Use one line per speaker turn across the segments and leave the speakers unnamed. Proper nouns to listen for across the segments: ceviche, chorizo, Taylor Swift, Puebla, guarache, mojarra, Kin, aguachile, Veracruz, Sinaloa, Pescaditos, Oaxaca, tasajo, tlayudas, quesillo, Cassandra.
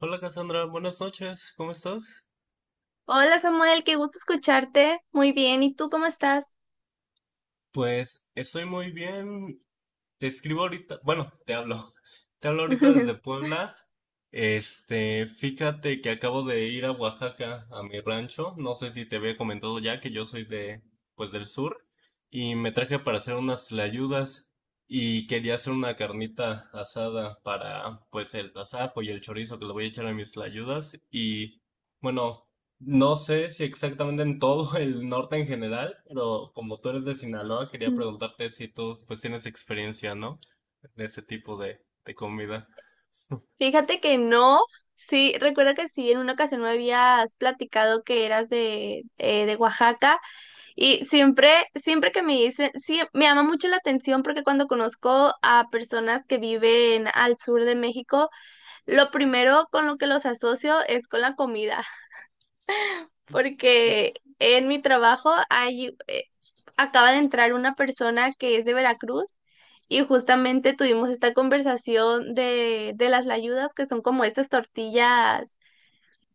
Hola Cassandra, buenas noches, ¿cómo estás?
Hola Samuel, qué gusto escucharte. Muy bien, ¿y tú cómo estás?
Pues estoy muy bien. Te escribo ahorita, bueno, te hablo. Te hablo ahorita desde Puebla. Fíjate que acabo de ir a Oaxaca, a mi rancho. No sé si te había comentado ya que yo soy pues del sur. Y me traje para hacer unas tlayudas. Y quería hacer una carnita asada para, pues, el tasajo y el chorizo que le voy a echar a mis tlayudas. Y, bueno. No sé si exactamente en todo el norte en general, pero como tú eres de Sinaloa, quería preguntarte si tú pues tienes experiencia, ¿no? En ese tipo de comida.
Fíjate que no, sí, recuerdo que sí, en una ocasión me habías platicado que eras de Oaxaca y siempre, siempre que me dicen, sí, me llama mucho la atención porque cuando conozco a personas que viven al sur de México, lo primero con lo que los asocio es con la comida. Porque en mi trabajo acaba de entrar una persona que es de Veracruz y justamente tuvimos esta conversación de las layudas que son como estas tortillas,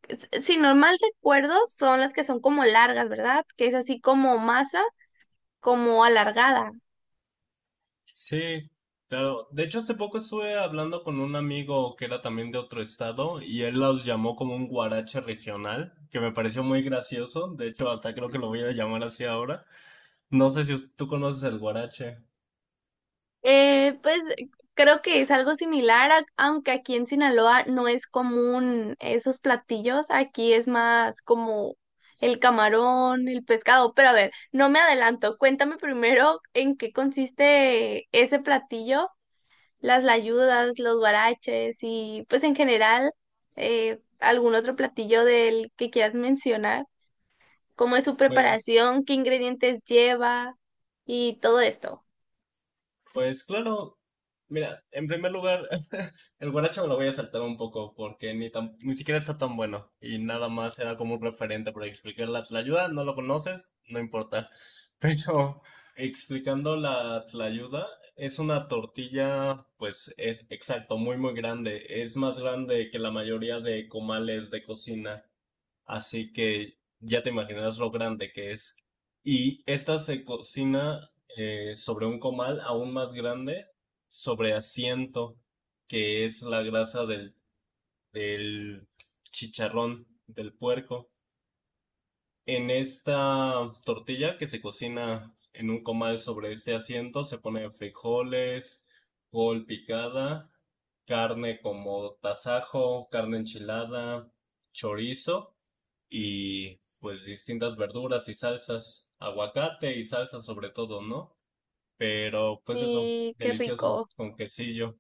si no mal recuerdo, son las que son como largas, ¿verdad? Que es así como masa, como alargada.
Sí, claro. De hecho, hace poco estuve hablando con un amigo que era también de otro estado y él los llamó como un guarache regional, que me pareció muy gracioso. De hecho, hasta creo que lo voy a llamar así ahora. No sé si tú conoces el guarache.
Pues creo que es algo similar, aunque aquí en Sinaloa no es común esos platillos, aquí es más como el camarón, el pescado, pero a ver, no me adelanto, cuéntame primero en qué consiste ese platillo, las layudas, los huaraches y pues en general algún otro platillo del que quieras mencionar, cómo es su preparación, qué ingredientes lleva y todo esto.
Pues claro, mira, en primer lugar, el guaracha me lo voy a saltar un poco porque ni siquiera está tan bueno y nada más era como un referente para explicar la tlayuda, no lo conoces, no importa. Pero explicando la tlayuda, es una tortilla, pues es exacto, muy muy grande, es más grande que la mayoría de comales de cocina. Así que ya te imaginas lo grande que es. Y esta se cocina sobre un comal aún más grande, sobre asiento, que es la grasa del chicharrón del puerco. En esta tortilla que se cocina en un comal sobre este asiento se pone frijoles, col picada, carne como tasajo, carne enchilada, chorizo y pues distintas verduras y salsas, aguacate y salsa sobre todo, ¿no? Pero pues eso,
Y qué
delicioso,
rico.
con quesillo,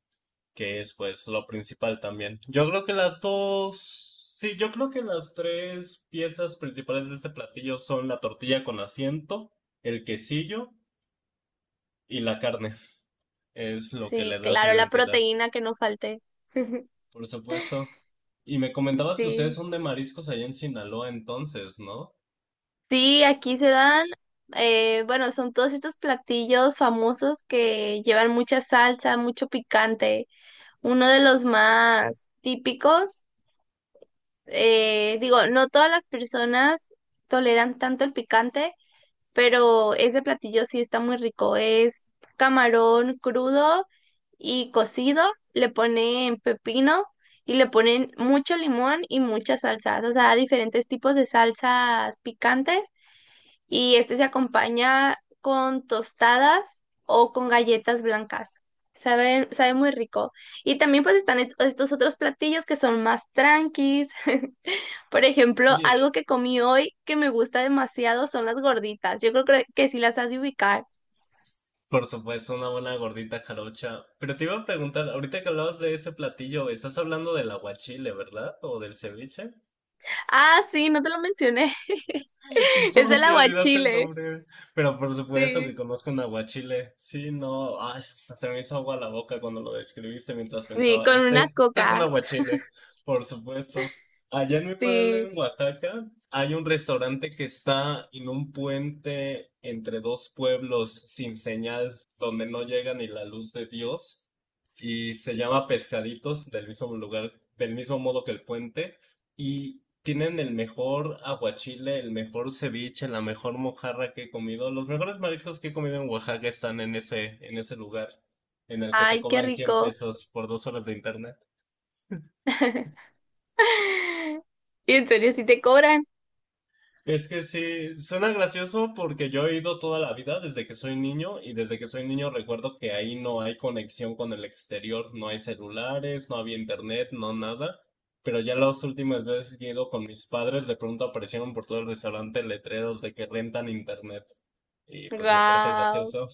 que es pues lo principal también. Yo creo que las dos, sí, yo creo que las tres piezas principales de este platillo son la tortilla con asiento, el quesillo y la carne. Es lo que
Sí,
le da su
claro, la
identidad,
proteína que no falte.
por supuesto. Y me comentabas que ustedes
Sí,
son de mariscos allá en Sinaloa entonces, ¿no?
sí, aquí se dan, bueno, son todos estos platillos famosos que llevan mucha salsa, mucho picante. Uno de los más típicos, digo, no todas las personas toleran tanto el picante, pero ese platillo sí está muy rico. Es camarón crudo y cocido, le ponen pepino y le ponen mucho limón y muchas salsas, o sea, diferentes tipos de salsas picantes y este se acompaña con tostadas o con galletas blancas. Sabe, sabe muy rico. Y también pues están estos otros platillos que son más tranquis. Por ejemplo, algo
Oye,
que comí hoy que me gusta demasiado son las gorditas. Yo creo que sí las has de ubicar.
por supuesto, una buena gordita jarocha. Pero te iba a preguntar, ahorita que hablabas de ese platillo, estás hablando del aguachile, ¿verdad? ¿O del ceviche?
Ah, sí, no te lo mencioné. Es
¿Cómo
el
si olvidaste el
aguachile.
nombre? Pero por supuesto que
Sí.
conozco un aguachile. Sí, no, ay, hasta se me hizo agua la boca cuando lo describiste mientras
Sí,
pensaba,
con
este,
una
este es un
coca.
aguachile, por supuesto. Allá en mi pueblo,
Sí.
en Oaxaca, hay un restaurante que está en un puente entre dos pueblos sin señal, donde no llega ni la luz de Dios, y se llama Pescaditos, del mismo lugar, del mismo modo que el puente. Y tienen el mejor aguachile, el mejor ceviche, la mejor mojarra que he comido. Los mejores mariscos que he comido en Oaxaca están en ese lugar, en el que te
Ay, qué
cobran 100
rico.
pesos por 2 horas de internet.
Y en serio, sí te cobran.
Es que sí, suena gracioso porque yo he ido toda la vida desde que soy niño y desde que soy niño recuerdo que ahí no hay conexión con el exterior, no hay celulares, no había internet, no nada. Pero ya las últimas veces que he ido con mis padres, de pronto aparecieron por todo el restaurante letreros de que rentan internet. Y pues me parece
Wow.
gracioso,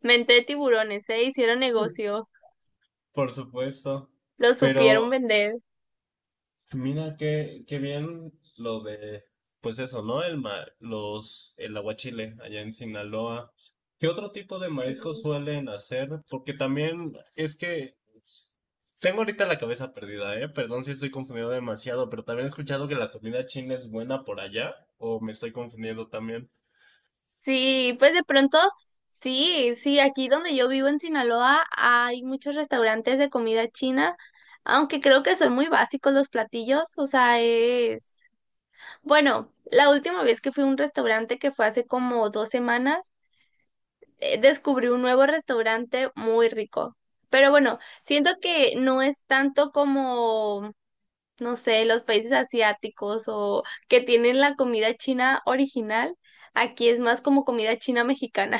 Mente de tiburones, ¿eh? Hicieron negocio.
por supuesto.
Lo
Pero
supieron vender.
mira qué, qué bien lo de, pues eso, ¿no? El aguachile allá en Sinaloa. ¿Qué otro tipo de mariscos
Sí.
suelen hacer? Porque también es que s- tengo ahorita la cabeza perdida, ¿eh? Perdón si estoy confundido demasiado, pero también he escuchado que la comida china es buena por allá, o me estoy confundiendo también.
Sí, pues de pronto, sí, sí, aquí donde yo vivo en Sinaloa hay muchos restaurantes de comida china, aunque creo que son muy básicos los platillos, o sea, es... Bueno, la última vez que fui a un restaurante que fue hace como dos semanas, descubrí un nuevo restaurante muy rico. Pero bueno, siento que no es tanto como, no sé, los países asiáticos o que tienen la comida china original. Aquí es más como comida china mexicana.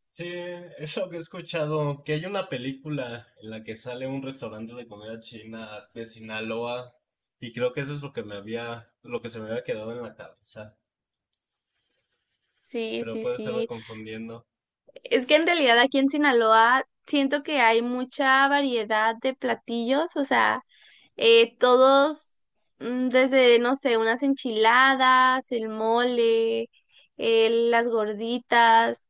Sí, eso que he escuchado, que hay una película en la que sale un restaurante de comida china de Sinaloa y creo que eso es lo que me había, lo que se me había quedado en la cabeza,
Sí,
pero
sí,
puede estarme
sí.
confundiendo.
Es que en realidad aquí en Sinaloa siento que hay mucha variedad de platillos, o sea, eh, todos, desde, no sé, unas enchiladas, el mole, las gorditas.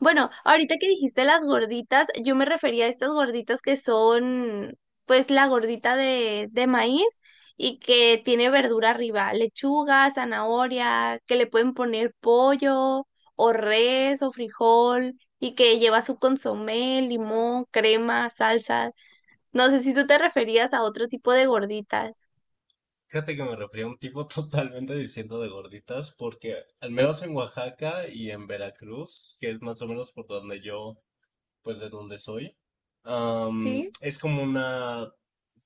Bueno, ahorita que dijiste las gorditas, yo me refería a estas gorditas que son, pues, la gordita de maíz y que tiene verdura arriba, lechuga, zanahoria, que le pueden poner pollo o res o frijol y que lleva su consomé, limón, crema, salsa. No sé si tú te referías a otro tipo de gorditas.
Fíjate que me refería a un tipo totalmente diciendo de gorditas porque al menos en Oaxaca y en Veracruz, que es más o menos por donde yo, pues de donde soy,
Sí,
es como una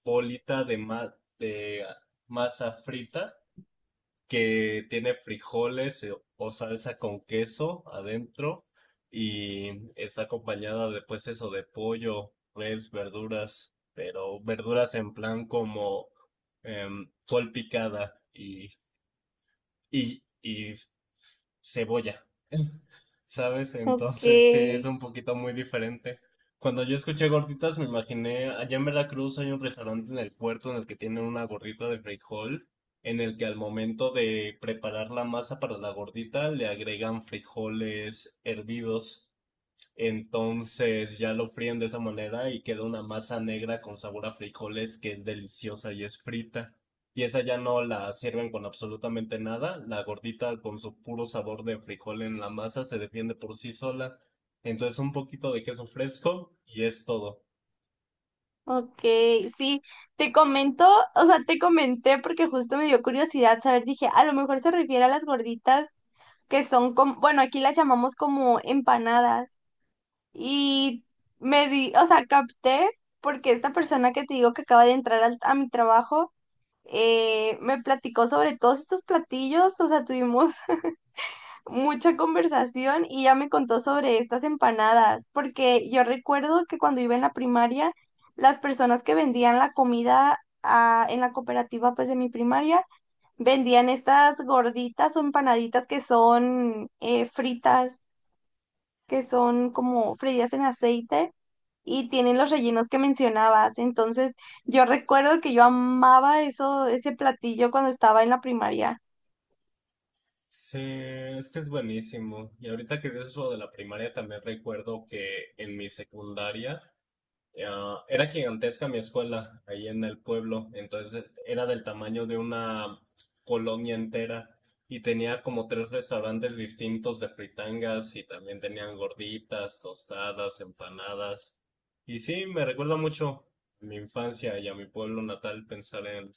bolita de masa frita que tiene frijoles o salsa con queso adentro y está acompañada de pues eso de pollo, res, verduras, pero verduras en plan como col picada y cebolla, ¿sabes? Entonces sí, es
okay
un poquito muy diferente. Cuando yo escuché gorditas me imaginé, allá en Veracruz hay un restaurante en el puerto en el que tienen una gordita de frijol, en el que al momento de preparar la masa para la gordita le agregan frijoles hervidos. Entonces ya lo fríen de esa manera y queda una masa negra con sabor a frijoles que es deliciosa y es frita. Y esa ya no la sirven con absolutamente nada. La gordita con su puro sabor de frijol en la masa se defiende por sí sola. Entonces un poquito de queso fresco y es todo.
okay sí, te comento, o sea, te comenté porque justo me dio curiosidad saber, dije, a lo mejor se refiere a las gorditas que son como, bueno, aquí las llamamos como empanadas y me di, o sea, capté porque esta persona que te digo que acaba de entrar a mi trabajo, me platicó sobre todos estos platillos, o sea, tuvimos mucha conversación y ya me contó sobre estas empanadas, porque yo recuerdo que cuando iba en la primaria, las personas que vendían la comida ah, en la cooperativa pues de mi primaria, vendían estas gorditas o empanaditas que son fritas, que son como freídas en aceite. Y tienen los rellenos que mencionabas. Entonces, yo recuerdo que yo amaba eso, ese platillo cuando estaba en la primaria.
Sí, es que es buenísimo. Y ahorita que dices lo de la primaria, también recuerdo que en mi secundaria ah, era gigantesca mi escuela ahí en el pueblo, entonces era del tamaño de una colonia entera y tenía como tres restaurantes distintos de fritangas y también tenían gorditas, tostadas, empanadas. Y sí, me recuerda mucho a mi infancia y a mi pueblo natal pensar en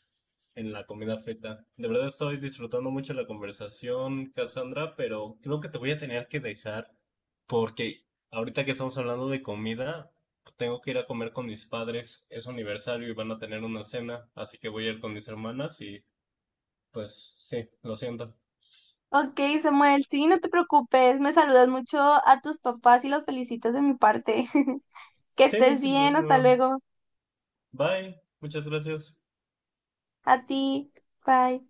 la comida feta. De verdad estoy disfrutando mucho la conversación, Cassandra, pero creo que te voy a tener que dejar porque ahorita que estamos hablando de comida, tengo que ir a comer con mis padres. Es su aniversario y van a tener una cena, así que voy a ir con mis hermanas y pues sí, lo siento.
Ok, Samuel, sí, no te preocupes, me saludas mucho a tus papás y los felicitas de mi parte. Que
Sí,
estés
sin
bien, hasta
problema.
luego.
Bye, muchas gracias.
A ti, bye.